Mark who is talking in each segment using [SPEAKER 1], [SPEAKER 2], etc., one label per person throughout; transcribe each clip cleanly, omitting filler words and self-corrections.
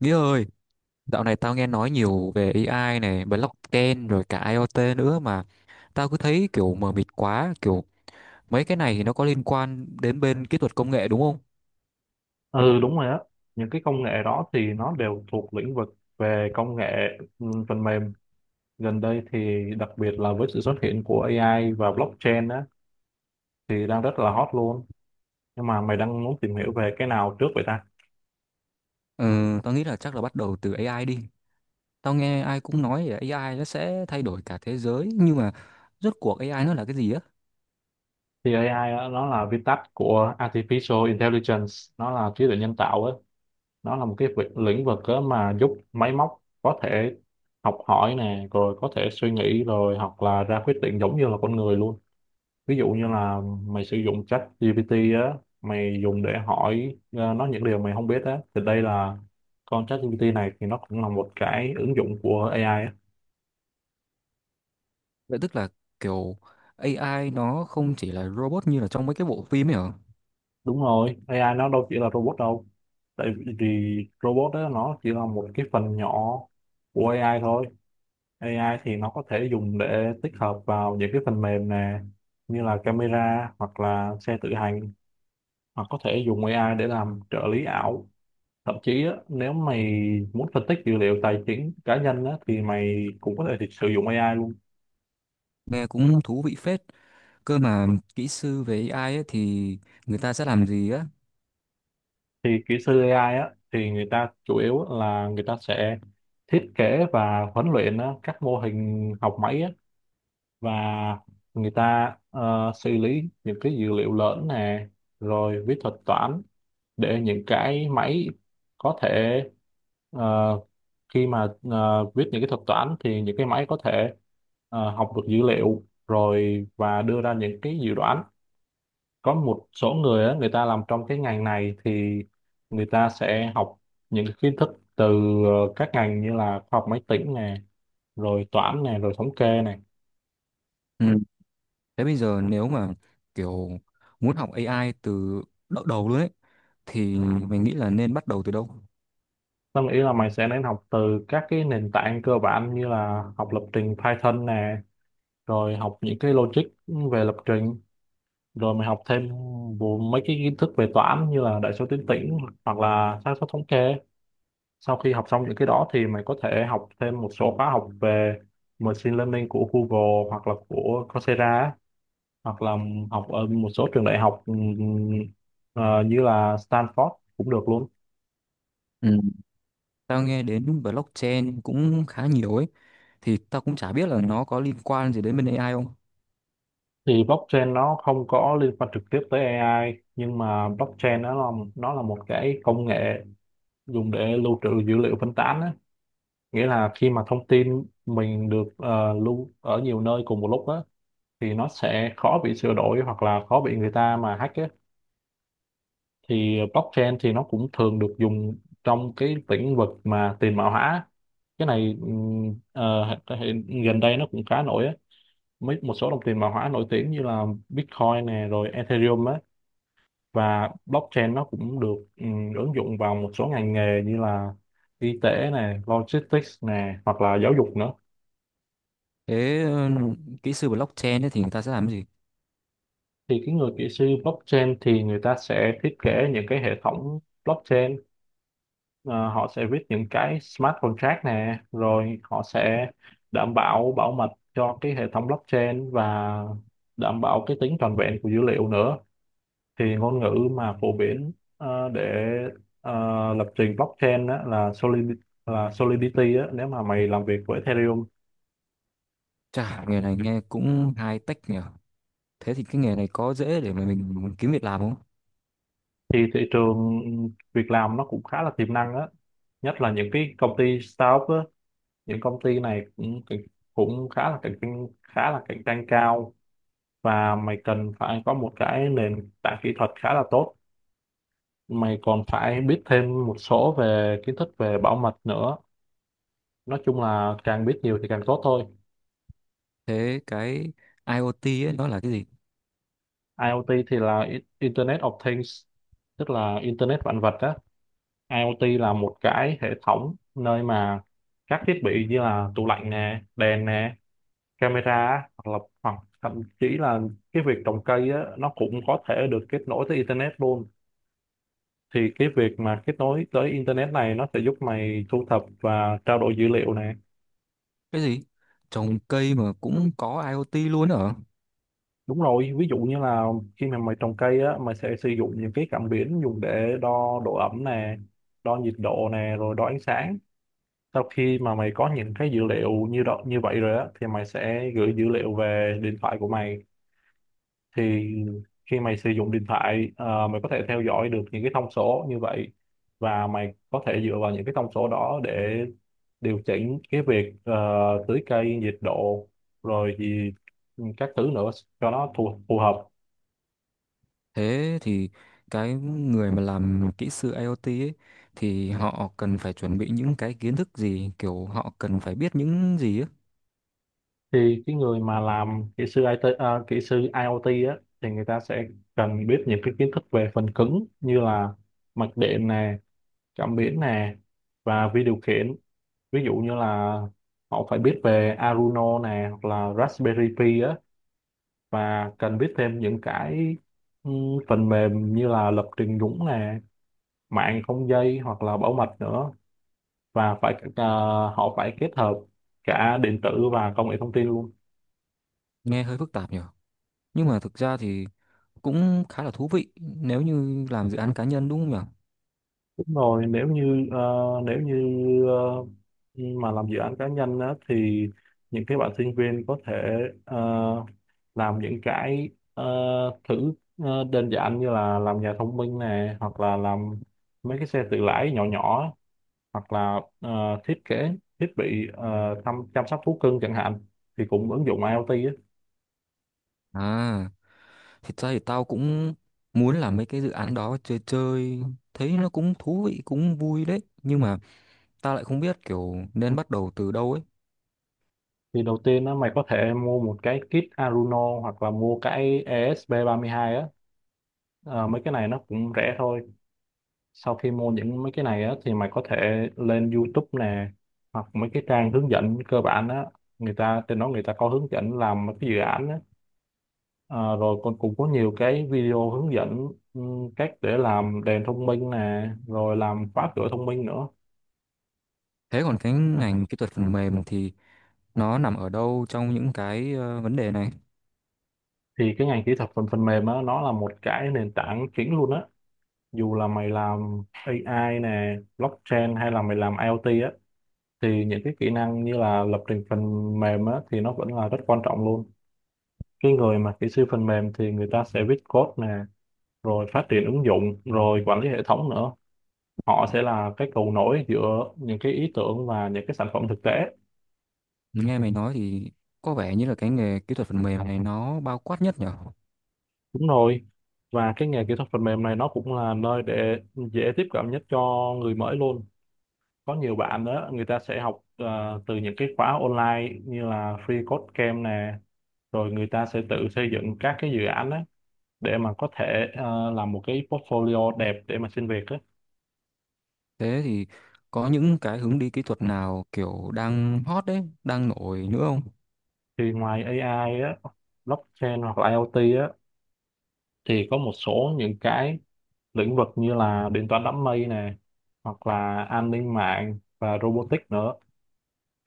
[SPEAKER 1] Nghĩa ơi, dạo này tao nghe nói nhiều về AI này, blockchain rồi cả IoT nữa mà tao cứ thấy kiểu mờ mịt quá, kiểu mấy cái này thì nó có liên quan đến bên kỹ thuật công nghệ đúng không?
[SPEAKER 2] Ừ, đúng rồi á, những cái công nghệ đó thì nó đều thuộc lĩnh vực về công nghệ phần mềm. Gần đây thì đặc biệt là với sự xuất hiện của AI và blockchain á, thì đang rất là hot luôn. Nhưng mà mày đang muốn tìm hiểu về cái nào trước vậy ta?
[SPEAKER 1] Ừ, tao nghĩ là chắc là bắt đầu từ AI đi. Tao nghe ai cũng nói là AI nó sẽ thay đổi cả thế giới, nhưng mà rốt cuộc AI nó là cái gì á?
[SPEAKER 2] Thì AI á, nó là viết tắt của Artificial Intelligence, nó là trí tuệ nhân tạo á. Nó là một cái lĩnh vực á mà giúp máy móc có thể học hỏi nè, rồi có thể suy nghĩ rồi, hoặc là ra quyết định giống như là con người luôn. Ví dụ như là mày sử dụng chat GPT á, mày dùng để hỏi nó những điều mày không biết á, thì đây là con chat GPT này thì nó cũng là một cái ứng dụng của AI á.
[SPEAKER 1] Vậy tức là kiểu AI nó không chỉ là robot như là trong mấy cái bộ phim ấy hả?
[SPEAKER 2] Đúng rồi, AI nó đâu chỉ là robot đâu. Tại vì robot đó nó chỉ là một cái phần nhỏ của AI thôi. AI thì nó có thể dùng để tích hợp vào những cái phần mềm nè, như là camera, hoặc là xe tự hành, hoặc có thể dùng AI để làm trợ lý ảo. Thậm chí á, nếu mày muốn phân tích dữ liệu tài chính cá nhân á, thì mày cũng có thể thì sử dụng AI luôn.
[SPEAKER 1] Nghe cũng thú vị phết. Cơ mà kỹ sư về AI ấy thì người ta sẽ làm gì á?
[SPEAKER 2] Thì kỹ sư AI á, thì người ta chủ yếu là người ta sẽ thiết kế và huấn luyện á, các mô hình học máy á, và người ta xử lý những cái dữ liệu lớn nè, rồi viết thuật toán để những cái máy có thể ờ, khi mà viết những cái thuật toán thì những cái máy có thể học được dữ liệu, rồi và đưa ra những cái dự đoán. Có một số người á, người ta làm trong cái ngành này thì người ta sẽ học những cái kiến thức từ các ngành như là khoa học máy tính nè, rồi toán nè, rồi thống kê nè.
[SPEAKER 1] Ừ. Thế bây giờ nếu mà kiểu muốn học AI từ đỡ đầu luôn ấy thì mình nghĩ là nên bắt đầu từ đâu?
[SPEAKER 2] Tao nghĩ là mày sẽ nên học từ các cái nền tảng cơ bản, như là học lập trình Python nè, rồi học những cái logic về lập trình, rồi mày học thêm vô mấy cái kiến thức về toán như là đại số tuyến tĩnh, hoặc là xác suất thống kê. Sau khi học xong những cái đó thì mày có thể học thêm một số khóa học về machine learning của Google, hoặc là của Coursera á. Hoặc là học ở một số trường đại học, như là Stanford cũng được luôn.
[SPEAKER 1] Ừ. Tao nghe đến blockchain cũng khá nhiều ấy thì tao cũng chả biết là nó có liên quan gì đến bên AI không.
[SPEAKER 2] Thì blockchain nó không có liên quan trực tiếp tới AI, nhưng mà blockchain nó là một cái công nghệ dùng để lưu trữ dữ liệu phân tán á. Nghĩa là khi mà thông tin mình được lưu ở nhiều nơi cùng một lúc á, thì nó sẽ khó bị sửa đổi, hoặc là khó bị người ta mà hack á. Thì blockchain thì nó cũng thường được dùng trong cái lĩnh vực mà tiền mã hóa. Cái này gần đây nó cũng khá nổi á. Một số đồng tiền mã hóa nổi tiếng như là Bitcoin nè, rồi Ethereum á. Và blockchain nó cũng được ứng dụng vào một số ngành nghề như là y tế nè, logistics nè, hoặc là giáo dục nữa.
[SPEAKER 1] Thế ừ, kỹ sư blockchain ấy thì người ta sẽ làm cái gì?
[SPEAKER 2] Thì cái người kỹ sư blockchain thì người ta sẽ thiết kế những cái hệ thống blockchain. Ờ, Họ sẽ viết những cái smart contract nè, rồi họ sẽ đảm bảo bảo mật cho cái hệ thống blockchain, và đảm bảo cái tính trọn vẹn của dữ liệu nữa. Thì ngôn ngữ mà phổ biến để ờ, lập trình blockchain á, là Solidity. Là Solidity á, nếu mà mày làm việc với Ethereum.
[SPEAKER 1] Chả nghề này nghe cũng high tech nhỉ. Thế thì cái nghề này có dễ để mà mình kiếm việc làm không?
[SPEAKER 2] Thì thị trường việc làm nó cũng khá là tiềm năng á, nhất là những cái công ty startup á, những công ty này cũng cũng khá là cạnh tranh khá là cạnh tranh cao. Và mày cần phải có một cái nền tảng kỹ thuật khá là tốt, mày còn phải biết thêm một số về kiến thức về bảo mật nữa. Nói chung là càng biết nhiều thì càng tốt thôi.
[SPEAKER 1] Thế cái IoT ấy nó là cái gì?
[SPEAKER 2] IoT thì là Internet of Things, tức là Internet vạn vật á. IoT là một cái hệ thống nơi mà các thiết bị như là tủ lạnh nè, đèn nè, camera á, hoặc thậm chí là cái việc trồng cây á, nó cũng có thể được kết nối tới internet luôn. Thì cái việc mà kết nối tới internet này nó sẽ giúp mày thu thập và trao đổi dữ liệu này.
[SPEAKER 1] Cái gì? Trồng cây mà cũng có IoT luôn hả?
[SPEAKER 2] Đúng rồi, ví dụ như là khi mà mày trồng cây á, mày sẽ sử dụng những cái cảm biến dùng để đo độ ẩm nè, đo nhiệt độ nè, rồi đo ánh sáng. Sau khi mà mày có những cái dữ liệu như vậy rồi á, thì mày sẽ gửi dữ liệu về điện thoại của mày. Thì khi mày sử dụng điện thoại, mày có thể theo dõi được những cái thông số như vậy, và mày có thể dựa vào những cái thông số đó để điều chỉnh cái việc tưới cây, nhiệt độ, rồi gì các thứ nữa cho nó phù hợp.
[SPEAKER 1] Thế thì cái người mà làm kỹ sư IoT ấy, thì họ cần phải chuẩn bị những cái kiến thức gì, kiểu họ cần phải biết những gì ấy.
[SPEAKER 2] Thì cái người mà làm kỹ sư kỹ sư IoT á, thì người ta sẽ cần biết những cái kiến thức về phần cứng như là mạch điện nè, cảm biến nè, và vi điều khiển. Ví dụ như là họ phải biết về Arduino nè, hoặc là Raspberry Pi á. Và cần biết thêm những cái ừ, phần mềm như là lập trình nhúng nè, mạng không dây, hoặc là bảo mật nữa. Và họ phải kết hợp cả điện tử và công nghệ thông tin luôn.
[SPEAKER 1] Nghe hơi phức tạp nhỉ. Nhưng mà thực ra thì cũng khá là thú vị nếu như làm dự án cá nhân đúng không nhỉ?
[SPEAKER 2] Đúng rồi, nếu như nếu như ờ, mà làm dự án cá nhân á, thì những cái bạn sinh viên có thể ờ, làm những cái ờ, thử đơn giản như là làm nhà thông minh này, hoặc là làm mấy cái xe tự lái nhỏ nhỏ á, hoặc là thiết kế thiết bị chăm sóc thú cưng chẳng hạn, thì cũng ứng dụng IoT á.
[SPEAKER 1] À, thật ra thì tao cũng muốn làm mấy cái dự án đó chơi chơi, thấy nó cũng thú vị, cũng vui đấy. Nhưng mà tao lại không biết kiểu nên bắt đầu từ đâu ấy.
[SPEAKER 2] Thì đầu tiên á, mày có thể mua một cái kit Arduino, hoặc là mua cái esp hai á. Mấy cái này nó cũng rẻ thôi. Sau khi mua mấy cái này á thì mày có thể lên YouTube nè, hoặc mấy cái trang hướng dẫn cơ bản á, người ta trên đó người ta có hướng dẫn làm mấy cái dự án á. Ờ, Rồi còn cũng có nhiều cái video hướng dẫn, ừ, cách để làm đèn thông minh nè, rồi làm khóa cửa thông minh nữa.
[SPEAKER 1] Thế còn cái ngành kỹ thuật phần mềm thì nó nằm ở đâu trong những cái vấn đề này?
[SPEAKER 2] Thì cái ngành kỹ thuật phần phần mềm á, nó là một cái nền tảng chính luôn á. Dù là mày làm AI nè, blockchain, hay là mày làm IoT á, thì những cái kỹ năng như là lập trình phần mềm á thì nó vẫn là rất quan trọng luôn. Cái người mà kỹ sư phần mềm thì người ta sẽ viết code nè, rồi phát triển ứng dụng, rồi quản lý hệ thống nữa. Họ sẽ là cái cầu nối giữa những cái ý tưởng và những cái sản phẩm thực tế.
[SPEAKER 1] Nghe mày nói thì có vẻ như là cái nghề kỹ thuật phần mềm này nó bao quát nhất nhở.
[SPEAKER 2] Đúng rồi, và cái nghề kỹ thuật phần mềm này nó cũng là nơi để dễ tiếp cận nhất cho người mới luôn. Có nhiều bạn đó người ta sẽ học từ những cái khóa online như là Free Code Camp nè, rồi người ta sẽ tự xây dựng các cái dự án đó để mà có thể làm một cái portfolio đẹp để mà xin việc á.
[SPEAKER 1] Thế thì có những cái hướng đi kỹ thuật nào kiểu đang hot đấy đang nổi nữa không?
[SPEAKER 2] Thì ngoài AI á, blockchain, hoặc là IoT á, thì có một số những cái lĩnh vực như là điện toán đám mây nè, hoặc là an ninh mạng và robotics nữa.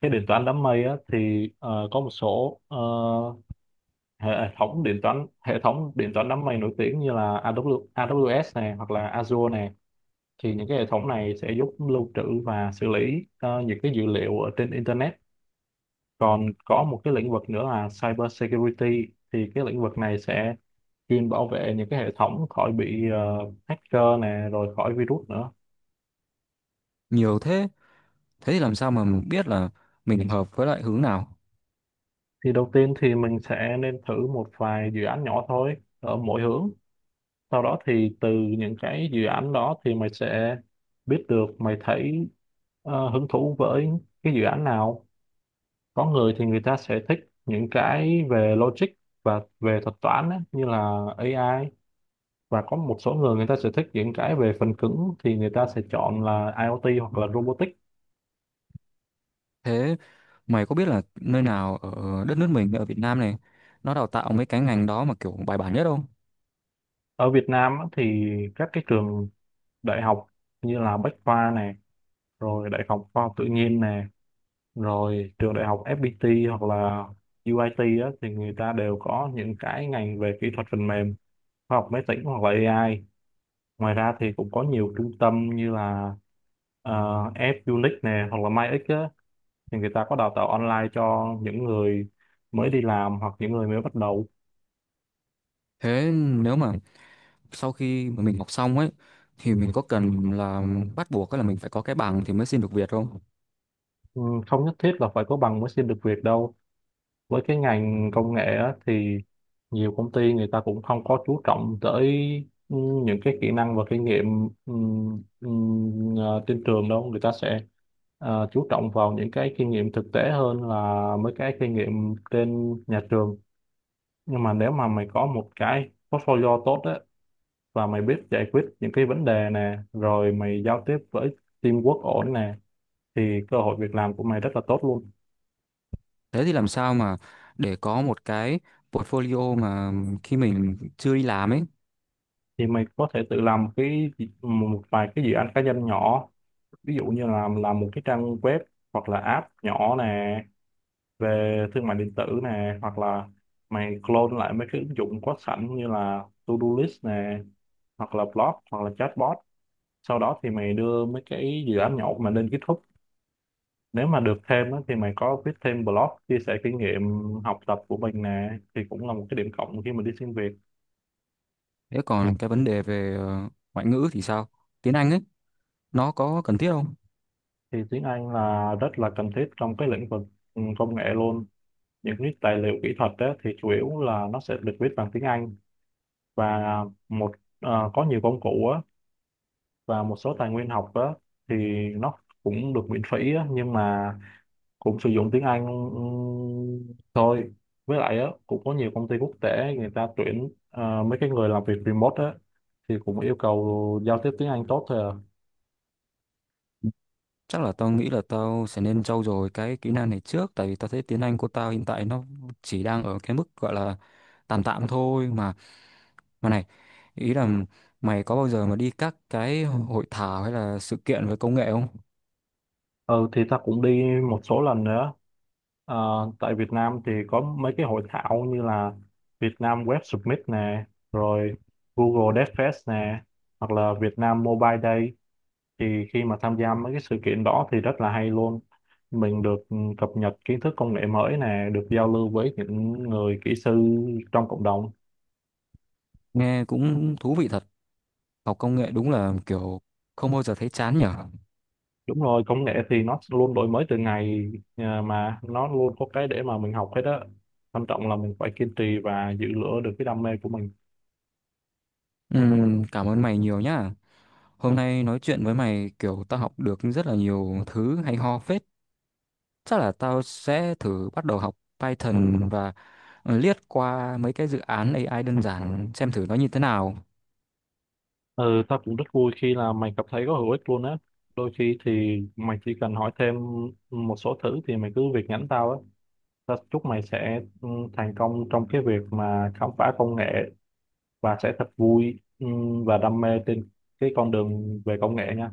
[SPEAKER 2] Cái điện toán đám mây á, thì có một số hệ hệ thống điện toán đám mây nổi tiếng như là AWS nè, hoặc là Azure nè. Thì những cái hệ thống này sẽ giúp lưu trữ và xử lý những cái dữ liệu ở trên internet. Còn có một cái lĩnh vực nữa là cyber security. Thì cái lĩnh vực này sẽ chuyên bảo vệ những cái hệ thống khỏi bị hacker nè, rồi khỏi virus nữa.
[SPEAKER 1] Nhiều thế. Thế thì làm sao mà mình biết là mình hợp với lại hướng nào?
[SPEAKER 2] Thì đầu tiên thì mình sẽ nên thử một vài dự án nhỏ thôi ở mỗi hướng. Sau đó thì từ những cái dự án đó thì mày sẽ biết được mày thấy hứng thú với cái dự án nào. Có người thì người ta sẽ thích những cái về logic và về thuật toán á, như là AI. Và có một số người người ta sẽ thích những cái về phần cứng thì người ta sẽ chọn là IoT hoặc là robotics.
[SPEAKER 1] Thế mày có biết là nơi nào ở đất nước mình ở Việt Nam này nó đào tạo mấy cái ngành đó mà kiểu bài bản nhất không?
[SPEAKER 2] Ở Việt Nam á, thì các cái trường đại học như là Bách Khoa này, rồi Đại học Khoa học Tự nhiên này, rồi trường đại học FPT hoặc là UIT á, thì người ta đều có những cái ngành về kỹ thuật phần mềm, khoa học máy tính hoặc là AI. Ngoài ra thì cũng có nhiều trung tâm như là F-Unix này hoặc là MyX á, thì người ta có đào tạo online cho những người mới đi làm hoặc những người mới bắt đầu.
[SPEAKER 1] Thế nếu mà sau khi mà mình học xong ấy thì mình có cần là bắt buộc là mình phải có cái bằng thì mới xin được việc không?
[SPEAKER 2] Ừ, không nhất thiết là phải có bằng mới xin được việc đâu. Với cái ngành công nghệ á, thì nhiều công ty người ta cũng không có chú trọng tới ừ, những cái kỹ năng và kinh nghiệm ừ, trên trường đâu, người ta sẽ chú trọng vào những cái kinh nghiệm thực tế hơn là mấy cái kinh nghiệm trên nhà trường. Nhưng mà nếu mà mày có một cái portfolio tốt á, và mày biết giải quyết những cái vấn đề nè, rồi mày giao tiếp với teamwork ổn nè, thì cơ hội việc làm của mày rất là tốt luôn.
[SPEAKER 1] Thế thì làm sao mà để có một cái portfolio mà khi mình chưa đi làm ấy?
[SPEAKER 2] Thì mày có thể tự làm cái một vài cái dự án cá nhân nhỏ, ví dụ như là làm một cái trang web hoặc là app nhỏ nè, về thương mại điện tử nè, hoặc là mày clone lại mấy cái ứng dụng có sẵn như là to-do list nè, hoặc là blog hoặc là chatbot. Sau đó thì mày đưa mấy cái dự án nhỏ của mình lên GitHub. Nếu mà được thêm á, thì mày có viết thêm blog chia sẻ kinh nghiệm học tập của mình nè, thì cũng là một cái điểm cộng khi mà đi xin việc.
[SPEAKER 1] Thế còn cái vấn đề về ngoại ngữ thì sao? Tiếng Anh ấy nó có cần thiết không?
[SPEAKER 2] Thì tiếng Anh là rất là cần thiết trong cái lĩnh vực công nghệ luôn. Những cái tài liệu kỹ thuật á, thì chủ yếu là nó sẽ được viết bằng tiếng Anh. Và một, có nhiều công cụ á, và một số tài nguyên học á, thì nó cũng được miễn phí á, nhưng mà cũng sử dụng tiếng Anh thôi. Với lại á, cũng có nhiều công ty quốc tế người ta tuyển mấy cái người làm việc remote á, thì cũng yêu cầu giao tiếp tiếng Anh tốt thôi à.
[SPEAKER 1] Chắc là tao nghĩ là tao sẽ nên trau dồi cái kỹ năng này trước tại vì tao thấy tiếng Anh của tao hiện tại nó chỉ đang ở cái mức gọi là tạm tạm thôi mà. Mà này, ý là mày có bao giờ mà đi các cái hội thảo hay là sự kiện về công nghệ không?
[SPEAKER 2] Ừ, thì ta cũng đi một số lần nữa. Ờ, tại Việt Nam thì có mấy cái hội thảo như là Việt Nam Web Summit nè, rồi Google Dev Fest nè, hoặc là Việt Nam Mobile Day. Thì khi mà tham gia mấy cái sự kiện đó thì rất là hay luôn. Mình được cập nhật kiến thức công nghệ mới nè, được giao lưu với những người kỹ sư trong cộng đồng.
[SPEAKER 1] Nghe cũng thú vị thật. Học công nghệ đúng là kiểu không bao giờ thấy chán nhở.
[SPEAKER 2] Đúng rồi, công nghệ thì nó luôn đổi mới từ ngày mà nó luôn có cái để mà mình học hết á. Quan trọng là mình phải kiên trì và giữ lửa được cái đam mê của mình.
[SPEAKER 1] Cảm ơn mày nhiều nhá, hôm nay nói chuyện với mày kiểu tao học được rất là nhiều thứ hay ho phết. Chắc là tao sẽ thử bắt đầu học Python và liếc qua mấy cái dự án AI đơn giản xem thử nó như thế nào.
[SPEAKER 2] Ừ, tao cũng rất vui khi là mày cảm thấy có hữu ích luôn á. Đôi khi thì mày chỉ cần hỏi thêm một số thứ thì mày cứ việc nhắn tao á. Tao chúc mày sẽ thành công trong cái việc mà khám phá công nghệ và sẽ thật vui, và đam mê trên cái con đường về công nghệ nha.